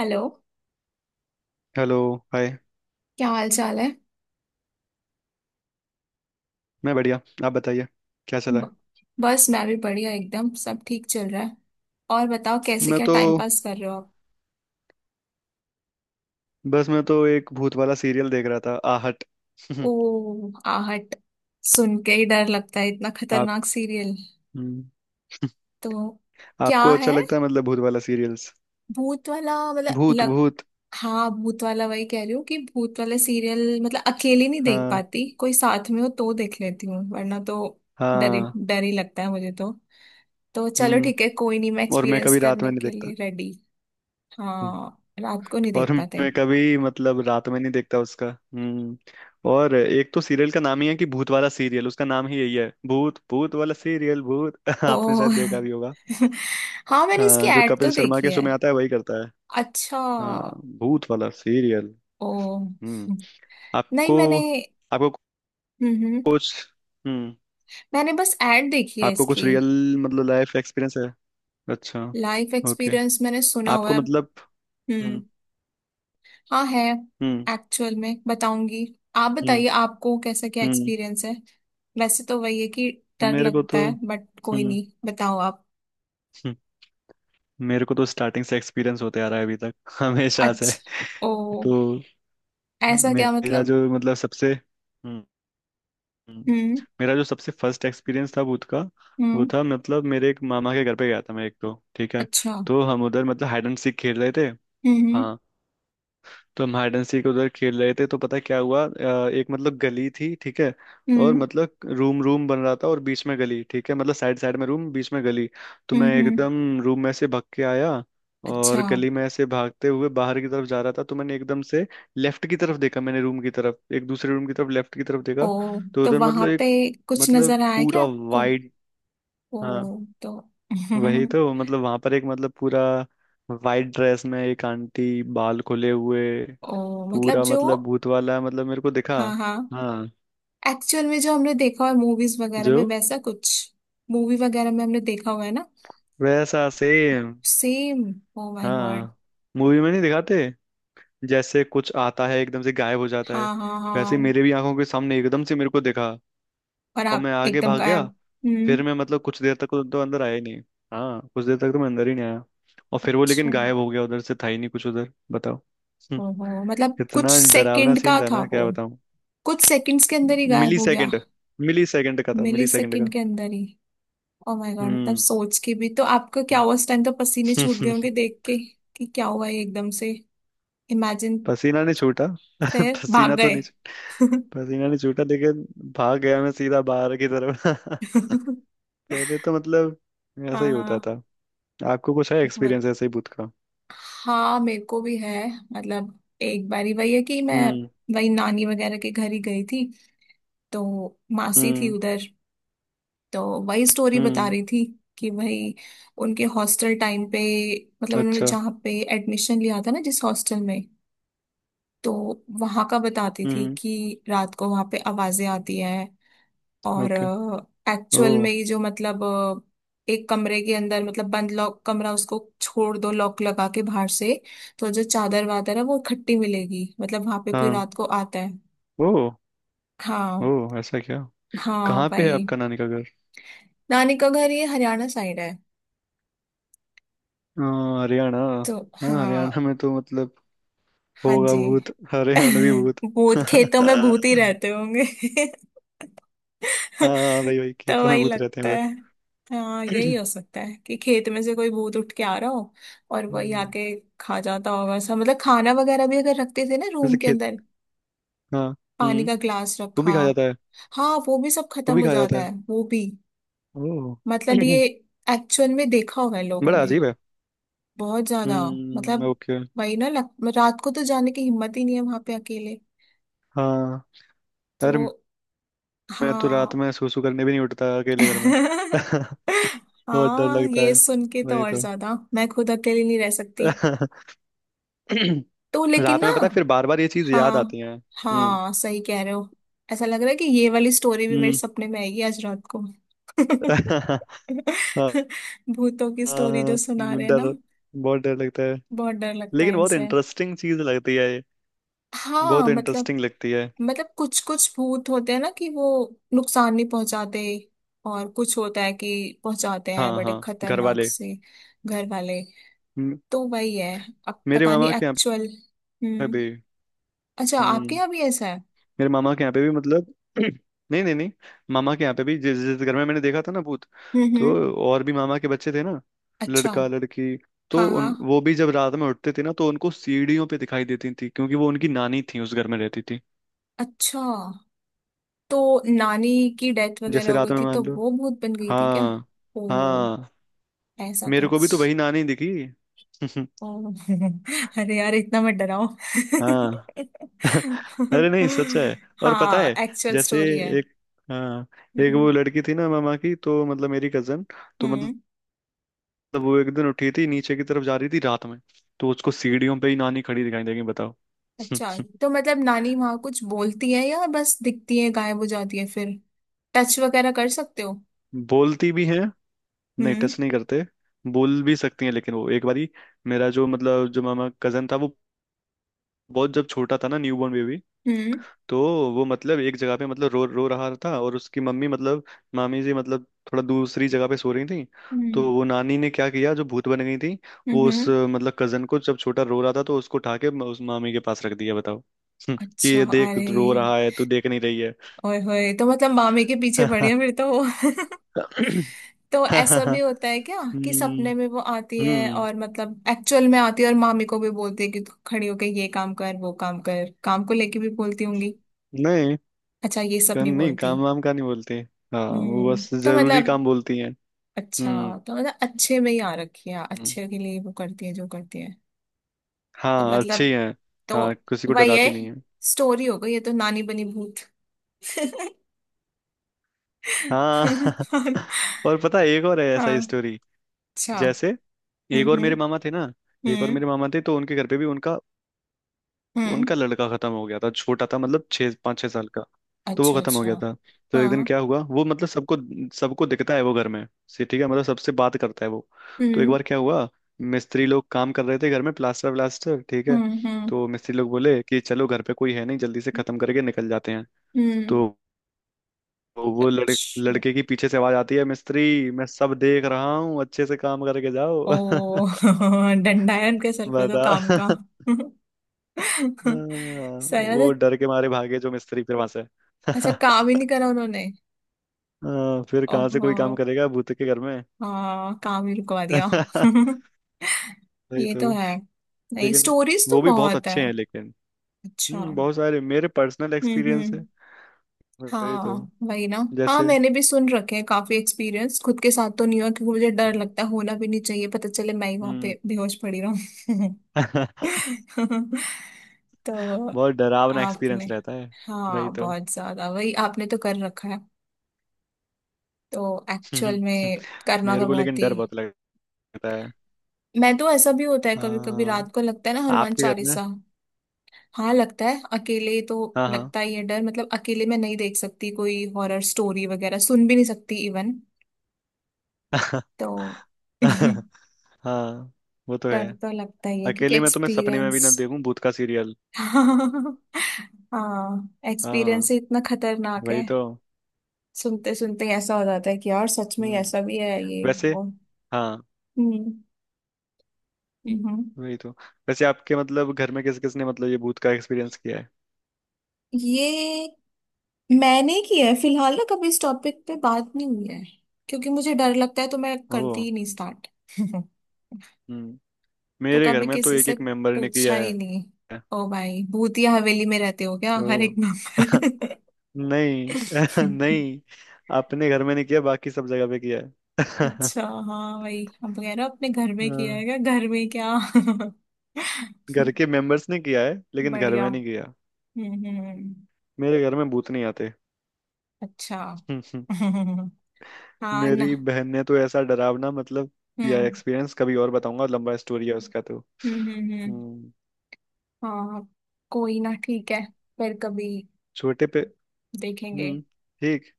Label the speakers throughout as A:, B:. A: Hello.
B: Hello. Hi.
A: क्या हाल चाल है?
B: मैं बढ़िया। आप बताइए। क्या चला है।
A: ब- बस मैं भी बढ़िया, एकदम सब ठीक चल रहा है। और बताओ कैसे,
B: मैं
A: क्या
B: तो
A: टाइम पास कर रहे हो आप?
B: बस मैं तो एक भूत वाला सीरियल देख रहा था, आहट।
A: ओ आहट, सुन के ही डर लगता है, इतना
B: आप।
A: खतरनाक सीरियल।
B: हम्म,
A: तो क्या
B: आपको अच्छा
A: है?
B: लगता है, मतलब भूत वाला सीरियल्स।
A: भूत वाला मतलब
B: भूत
A: लग
B: भूत।
A: हाँ भूत वाला, वही कह रही हूँ कि भूत वाला सीरियल मतलब अकेली नहीं देख
B: हाँ।
A: पाती, कोई साथ में हो तो देख लेती हूँ, वरना तो
B: हाँ।
A: डर ही लगता है मुझे तो। तो चलो
B: हम्म।
A: ठीक है, कोई नहीं, मैं
B: और मैं
A: एक्सपीरियंस
B: कभी रात में
A: करने
B: नहीं
A: के
B: देखता।
A: लिए रेडी।
B: हम्म,
A: हाँ रात को नहीं
B: और
A: देख पाते।
B: मैं कभी मतलब रात में नहीं देखता उसका। और एक तो सीरियल का नाम ही है कि भूत वाला सीरियल, उसका नाम ही यही है, भूत, भूत वाला सीरियल, भूत।
A: ओ।
B: आपने शायद देखा भी होगा।
A: हाँ मैंने इसकी
B: हाँ, जो
A: एड
B: कपिल
A: तो
B: शर्मा
A: देखी
B: के शो
A: है।
B: में आता है वही करता है।
A: अच्छा।
B: हाँ, भूत वाला सीरियल।
A: ओ
B: हम्म।
A: नहीं
B: आपको।
A: मैंने
B: आपको
A: हम्म हम्म,
B: कुछ। हम्म।
A: मैंने बस एड देखी है
B: आपको कुछ
A: इसकी।
B: रियल मतलब लाइफ एक्सपीरियंस है? अच्छा।
A: Life
B: okay.
A: एक्सपीरियंस मैंने सुना हुआ
B: आपको
A: है।
B: मतलब।
A: हम्म।
B: हम्म।
A: हाँ है।
B: हम्म।
A: एक्चुअल में बताऊंगी। आप
B: हम्म।
A: बताइए, आपको कैसा क्या
B: हम्म।
A: एक्सपीरियंस है? वैसे तो वही है कि डर
B: मेरे को
A: लगता
B: तो।
A: है, बट कोई
B: हम्म।
A: नहीं, बताओ आप।
B: हम्म, मेरे को तो स्टार्टिंग से एक्सपीरियंस होते आ रहा है अभी तक हमेशा से।
A: अच्छा। ओ
B: तो
A: ऐसा क्या
B: मेरा
A: मतलब?
B: जो, मतलब, सबसे। हम्म। हम्म,
A: हम्म।
B: मेरा जो सबसे फर्स्ट एक्सपीरियंस था भूत का, वो
A: हम्म।
B: था मतलब, मेरे एक मामा के घर पे गया था मैं एक, तो ठीक है।
A: अच्छा।
B: तो हम उधर मतलब हाइड एंड सीक खेल रहे थे।
A: हम्म।
B: हाँ। तो हम हाइड एंड सीक उधर खेल रहे थे, तो पता है क्या हुआ, एक मतलब गली थी, ठीक है। और
A: हम्म।
B: मतलब रूम रूम बन रहा था और बीच में गली, ठीक है, मतलब साइड साइड में रूम, बीच में गली। तो
A: हम्म।
B: मैं
A: हम्म।
B: एकदम रूम में से भाग के आया,
A: अच्छा।
B: और गली में ऐसे भागते हुए बाहर की तरफ जा रहा था, तो मैंने एकदम से लेफ्ट की तरफ देखा, मैंने रूम की तरफ, एक दूसरे रूम की तरफ, लेफ्ट की तरफ
A: ओ
B: देखा। तो
A: तो
B: उधर
A: वहां
B: मतलब
A: पे
B: एक,
A: कुछ नजर
B: मतलब
A: आया क्या
B: पूरा
A: आपको?
B: वाइड।
A: ओ
B: हाँ।
A: तो
B: वही तो, मतलब वहां पर एक, मतलब पूरा वाइट ड्रेस में एक आंटी, बाल खुले हुए,
A: ओ मतलब
B: पूरा
A: जो
B: मतलब भूत वाला, मतलब मेरे को दिखा।
A: हाँ हाँ,
B: हाँ।
A: एक्चुअल में जो हमने देखा है मूवीज वगैरह
B: जो,
A: में, वैसा कुछ? मूवी वगैरह में हमने देखा हुआ है ना,
B: वैसा same.
A: Same. Oh my god.
B: हाँ, मूवी में नहीं दिखाते, जैसे कुछ आता है एकदम से गायब हो जाता है,
A: हाँ हाँ
B: वैसे ही
A: हाँ।
B: मेरे भी आंखों के सामने एकदम से मेरे को दिखा।
A: और
B: और
A: आप
B: मैं आगे
A: एकदम
B: भाग गया।
A: गायब। हम्म।
B: फिर मैं मतलब कुछ देर तक तो अंदर आया ही नहीं। हाँ, कुछ देर तक तो मैं अंदर ही नहीं आया। और फिर वो
A: अच्छा,
B: लेकिन गायब हो गया, उधर से था ही नहीं कुछ उधर, बताओ। हम्म,
A: ओहो मतलब कुछ
B: इतना डरावना
A: सेकंड का
B: सीन था
A: था
B: ना,
A: वो?
B: क्या बताऊं।
A: कुछ सेकंड्स के अंदर ही
B: मिली
A: गायब हो गया?
B: सेकेंड। मिली सेकेंड का था,
A: मिली
B: मिली सेकेंड
A: सेकंड
B: का।
A: के अंदर ही। ओ माय गॉड, मतलब
B: हम्म।
A: सोच के भी तो आपका क्या हुआ उस टाइम, तो पसीने छूट गए होंगे देख के, कि क्या हुआ ये एकदम से। इमेजिन।
B: पसीना नहीं छूटा।
A: फिर भाग
B: पसीना तो
A: गए।
B: नहीं छूटा। पसीना नहीं छूटा लेकिन, भाग गया मैं सीधा बाहर की तरफ। पहले तो मतलब, ऐसा
A: हाँ
B: ही होता
A: हाँ।
B: था। आपको कुछ है
A: बट-
B: एक्सपीरियंस ऐसे ही भूत का?
A: हाँ मेरे को भी है। मतलब एक बारी वही है कि मैं
B: हम्म।
A: वही नानी वगैरह के घर ही गई थी। तो मासी थी
B: हम्म।
A: उधर। तो वही स्टोरी बता
B: हम्म।
A: रही थी कि भाई उनके हॉस्टल टाइम पे, मतलब उन्होंने
B: अच्छा।
A: जहाँ पे एडमिशन लिया था ना, जिस हॉस्टल में, तो वहां का बताती थी
B: हम्म।
A: कि रात को वहां पे आवाजें आती हैं। और
B: ओके। ओ।
A: एक्चुअल में ही जो मतलब एक कमरे के अंदर, मतलब बंद लॉक कमरा, उसको छोड़ दो लॉक लगा के बाहर से, तो जो चादर वादर है वो इकट्ठी मिलेगी, मतलब वहां पे कोई
B: हाँ।
A: रात को आता है।
B: ओ। ओ,
A: हाँ
B: ऐसा क्या?
A: हाँ
B: कहाँ पे है
A: भाई।
B: आपका नानी का घर?
A: नानी का घर ये हरियाणा साइड है।
B: अ, हरियाणा।
A: तो
B: हाँ,
A: हाँ।
B: हरियाणा में तो मतलब
A: हाँ
B: होगा
A: जी।
B: भूत, हरियाणवी भूत।
A: भूत खेतों में, भूत ही रहते होंगे।
B: हाँ, भाई भाई,
A: तो
B: खेतों में
A: वही
B: भूत रहते हैं
A: लगता
B: उधर।
A: है। हाँ यही हो सकता है कि खेत में से कोई भूत उठ के आ रहा हो, और वही
B: हम्म।
A: आके खा जाता होगा सब, मतलब खाना वगैरह भी अगर रखते थे ना रूम
B: वैसे,
A: के अंदर,
B: हाँ।
A: पानी
B: हम्म।
A: का ग्लास
B: वो
A: रखा।
B: भी खा जाता है।
A: हाँ वो भी सब
B: वो
A: खत्म
B: भी
A: हो
B: खा जाता
A: जाता
B: है।
A: है, वो भी।
B: ओह।
A: मतलब ये एक्चुअल में देखा हुआ है लोगों
B: बड़ा
A: ने।
B: अजीब है।
A: बहुत ज्यादा।
B: हम्म।
A: मतलब
B: ओके।
A: वही ना लग, रात को तो जाने की हिम्मत ही नहीं है वहां पे अकेले।
B: हाँ।
A: तो
B: अरे। मैं तो रात
A: हाँ।
B: में सूसू करने भी नहीं उठता अकेले घर में, बहुत डर
A: हाँ
B: लगता
A: ये
B: है।
A: सुन के तो
B: वही
A: और
B: तो।
A: ज्यादा, मैं खुद अकेली नहीं रह सकती। तो लेकिन
B: रात में
A: ना।
B: पता है फिर बार बार ये चीज याद आती
A: हाँ
B: है, हम्म।
A: हाँ सही कह रहे हो। ऐसा लग रहा है कि ये वाली स्टोरी भी मेरे
B: हम्म।
A: सपने में आएगी आज रात को।
B: हाँ।
A: भूतों की स्टोरी जो
B: हाँ।
A: सुना रहे हैं ना।
B: डर। बहुत डर लगता है।
A: बहुत डर लगता है
B: लेकिन बहुत
A: इनसे।
B: इंटरेस्टिंग चीज लगती है ये।
A: हाँ
B: बहुत
A: मतलब,
B: इंटरेस्टिंग लगती है।
A: मतलब कुछ कुछ भूत होते हैं ना कि वो नुकसान नहीं पहुंचाते, और कुछ होता है कि पहुंचाते हैं
B: हाँ
A: बड़े
B: हाँ, घर
A: खतरनाक
B: वाले।
A: से। घर वाले।
B: म-
A: तो वही है, अब
B: मेरे
A: पता नहीं
B: मामा के यहाँ
A: एक्चुअल।
B: पे
A: हम्म।
B: भी।
A: अच्छा आपके
B: हम्म।
A: यहाँ भी ऐसा है?
B: मेरे मामा के यहाँ पे भी मतलब नहीं नहीं नहीं, मामा के यहाँ पे भी जिस जिस घर में मैंने देखा था ना भूत, तो
A: हम्म।
B: और भी मामा के बच्चे थे ना,
A: अच्छा।
B: लड़का लड़की।
A: हाँ
B: तो
A: हाँ।
B: उन वो भी जब रात में उठते थे ना तो उनको सीढ़ियों पे दिखाई देती थी, क्योंकि वो उनकी नानी थी, उस घर में रहती थी।
A: अच्छा तो नानी की डेथ वगैरह
B: जैसे
A: हो
B: रात
A: गई
B: में
A: थी तो
B: मान लो,
A: वो भूत बन गई थी क्या?
B: हाँ,
A: ओ
B: हाँ,
A: ऐसा
B: मेरे को
A: कुछ।
B: भी तो वही नानी दिखी।
A: ओ अरे यार इतना मत डराओ।
B: हाँ। अरे नहीं, सच है। और पता
A: हाँ
B: है,
A: एक्चुअल
B: जैसे,
A: स्टोरी है।
B: एक, हाँ, एक
A: हम्म।
B: वो लड़की थी ना मामा की, तो मतलब मेरी कजन, तो मतलब,
A: हम्म।
B: वो एक दिन उठी थी, नीचे की तरफ जा रही थी रात में, तो उसको सीढ़ियों पे ही नानी खड़ी दिखाई देगी, बताओ।
A: अच्छा तो मतलब नानी वहां कुछ बोलती है या बस दिखती है, गायब हो जाती है फिर? टच वगैरह कर सकते हो?
B: बोलती भी हैं। नहीं,
A: हम्म।
B: टच नहीं करते। बोल भी सकती हैं, लेकिन वो एक बारी, मेरा जो मतलब, जो मामा कजन था वो, बहुत जब छोटा था ना, न्यू बॉर्न बेबी।
A: हम्म।
B: तो वो मतलब एक जगह पे मतलब रो रो रहा था, और उसकी मम्मी मतलब मामी जी मतलब थोड़ा दूसरी जगह पे सो रही थी। तो
A: हम्म।
B: वो नानी ने क्या किया, जो भूत बन गई थी, वो उस
A: हम्म।
B: मतलब कजन को, जब छोटा रो रहा था, तो उसको उठा के उस मामी के पास रख दिया, बताओ। कि
A: अच्छा
B: ये देख
A: अरे,
B: रो रहा है, तू देख नहीं रही है।
A: ओए होए तो मतलब मामे के पीछे पड़ी है फिर तो वो। तो ऐसा भी
B: हम्म।
A: होता है क्या कि सपने में वो आती है,
B: हम्म।
A: और मतलब एक्चुअल में आती है और मामी को भी बोलती है कि तू खड़ी होके ये काम कर वो काम कर, काम को लेके भी बोलती होंगी?
B: नहीं।
A: अच्छा ये सब नहीं
B: नहीं,
A: बोलती।
B: काम वाम का नहीं बोलती। हाँ, वो बस
A: तो
B: जरूरी
A: मतलब
B: काम बोलती हैं।
A: अच्छा,
B: हम्म।
A: तो मतलब अच्छे में ही आ रखी है,
B: हम्म,
A: अच्छे के लिए वो करती है जो करती है। तो
B: हाँ, अच्छी
A: मतलब,
B: है।
A: तो
B: हाँ, किसी को
A: वही
B: डराती
A: है।
B: नहीं है।
A: स्टोरी हो गई ये, तो नानी बनी भूत।
B: हाँ।
A: हाँ।
B: और पता है, एक और है ऐसा
A: हाँ,
B: ही स्टोरी,
A: अच्छा।
B: जैसे, एक
A: हम्म।
B: और
A: हम्म।
B: मेरे मामा थे ना, एक और
A: हम्म।
B: मेरे मामा थे तो उनके घर पे भी, उनका
A: हम्म,
B: उनका लड़का खत्म हो गया था, छोटा था मतलब छः पाँच छः साल का, तो वो
A: अच्छा
B: खत्म हो
A: अच्छा।
B: गया था। तो एक दिन
A: हाँ।
B: क्या हुआ, वो मतलब सबको सबको दिखता है वो, घर में से, ठीक है, मतलब सबसे बात करता है वो। तो एक
A: हम्म।
B: बार क्या हुआ, मिस्त्री लोग काम कर रहे थे घर में, प्लास्टर व्लास्टर, ठीक है,
A: हम्म। हम्म।
B: तो मिस्त्री लोग बोले कि चलो घर पे कोई है नहीं, जल्दी से खत्म करके निकल जाते हैं।
A: हम्म,
B: तो वो लड़के
A: अच्छा।
B: लड़के की पीछे से आवाज आती है, मिस्त्री मैं सब देख रहा हूँ, अच्छे से काम करके जाओ।
A: ओ डंडा है उनके सर पे तो,
B: बता।
A: काम का।
B: हाँ,
A: सही है।
B: वो डर के मारे भागे जो मिस्त्री फिर वहां से।
A: अच्छा काम ही नहीं करा उन्होंने।
B: हाँ, फिर कहाँ से
A: ओहो।
B: कोई काम करेगा भूत के घर में।
A: हाँ काम ही रुकवा दिया।
B: वही
A: ये
B: तो।
A: तो है। नहीं
B: लेकिन
A: स्टोरीज तो
B: वो भी बहुत
A: बहुत है।
B: अच्छे हैं, लेकिन,
A: अच्छा।
B: हम्म,
A: हम्म।
B: बहुत सारे मेरे पर्सनल एक्सपीरियंस
A: हम्म।
B: है। वही
A: हाँ
B: तो।
A: वही ना। हाँ
B: जैसे।
A: मैंने भी सुन रखे हैं काफी एक्सपीरियंस, खुद के साथ तो नहीं हुआ क्योंकि मुझे डर लगता है, होना भी नहीं चाहिए, पता चले मैं ही वहां
B: हम्म।
A: पे बेहोश पड़ी रहूं। तो
B: बहुत डरावना
A: आपने,
B: एक्सपीरियंस रहता है। वही
A: हाँ
B: तो।
A: बहुत ज्यादा वही आपने तो कर रखा है। तो एक्चुअल में करना
B: मेरे
A: तो
B: को
A: बहुत
B: लेकिन
A: ही।
B: डर बहुत लगता है।
A: मैं तो, ऐसा भी होता है कभी कभी
B: हाँ।
A: रात को लगता है ना, हनुमान
B: आपके घर में?
A: चालीसा। हाँ लगता है अकेले तो,
B: हाँ हाँ।
A: लगता ही है डर, मतलब अकेले मैं नहीं देख सकती कोई हॉरर स्टोरी, वगैरह सुन भी नहीं सकती इवन। तो
B: हाँ, वो तो
A: डर
B: है।
A: तो लगता ही है क्योंकि
B: अकेले में तो मैं सपने में भी ना
A: एक्सपीरियंस।
B: देखूं भूत का सीरियल।
A: हाँ
B: हाँ,
A: एक्सपीरियंस ही इतना खतरनाक
B: वही
A: है।
B: तो।
A: सुनते सुनते ही ऐसा हो जाता है कि यार सच में
B: हम्म।
A: ऐसा भी है ये
B: वैसे,
A: वो।
B: हाँ,
A: हम्म। हम्म।
B: वही तो। वैसे आपके मतलब घर में किस किसने मतलब ये भूत का एक्सपीरियंस किया है?
A: ये मैंने किया है, फिलहाल ना कभी इस टॉपिक पे बात नहीं हुई है क्योंकि मुझे डर लगता है तो मैं
B: ओ।
A: करती ही नहीं स्टार्ट।
B: हम्म।
A: तो
B: मेरे घर
A: कभी
B: में तो
A: किसी
B: एक
A: से
B: एक मेंबर ने
A: पूछा
B: किया
A: ही
B: है।
A: नहीं। ओ भाई भूतिया हवेली में रहते हो क्या,
B: ओ।
A: हर एक नंबर।
B: नहीं, नहीं, अपने घर में नहीं किया, बाकी सब जगह पे किया है।
A: अच्छा। हाँ वही, अब कह रहा अपने घर में किया
B: हाँ,
A: है, क्या घर में क्या।
B: घर के मेंबर्स ने किया है, लेकिन घर
A: बढ़िया।
B: में नहीं किया।
A: हम्म।
B: मेरे घर में भूत नहीं आते।
A: अच्छा।
B: हम्म,
A: हाँ। ना।
B: मेरी बहन ने तो ऐसा डरावना मतलब किया
A: हम्म।
B: एक्सपीरियंस, कभी और बताऊंगा, लंबा स्टोरी है उसका, तो
A: हम्म। हम्म।
B: हम्म।
A: हाँ। कोई ना ठीक है, फिर कभी
B: छोटे पे।
A: देखेंगे।
B: हम्म। ठीक।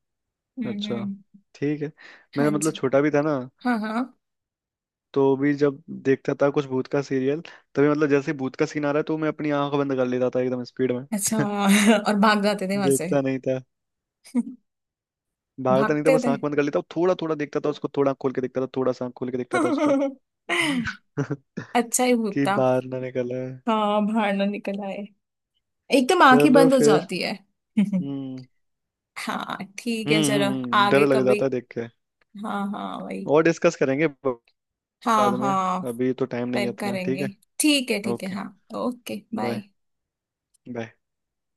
B: अच्छा।
A: हम्म।
B: ठीक है।
A: हाँ
B: मैं मतलब
A: जी।
B: छोटा भी था ना,
A: हाँ हाँ।
B: तो भी जब देखता था कुछ भूत का सीरियल, तभी मतलब जैसे भूत का सीन आ रहा है तो मैं अपनी आंख बंद कर लेता था एकदम स्पीड में।
A: अच्छा। और भाग जाते थे वहां से।
B: देखता नहीं था। भागता नहीं था
A: भागते
B: बस,
A: थे।
B: आंख बंद कर लेता, और थोड़ा थोड़ा देखता था उसको, थोड़ा आँख खोल के देखता था, थोड़ा सा आँख खोल के देखता था उसको।
A: अच्छा ही भूत
B: कि
A: था।
B: बाहर ना निकल आए।
A: हाँ बाहर ना निकल आए। एकदम आंखें
B: चलो
A: बंद हो
B: फिर।
A: जाती है।
B: हम्म।
A: हाँ ठीक है
B: हम्म।
A: चलो। आगे
B: डर लग
A: कभी।
B: जाता है देख के।
A: हाँ हाँ वही।
B: और डिस्कस करेंगे
A: हाँ
B: बाद में,
A: हाँ।
B: अभी तो टाइम नहीं है
A: फिर
B: इतना, ठीक
A: करेंगे।
B: है।
A: ठीक है
B: ओके।
A: हाँ। Okay
B: bye.
A: बाय।
B: बाय।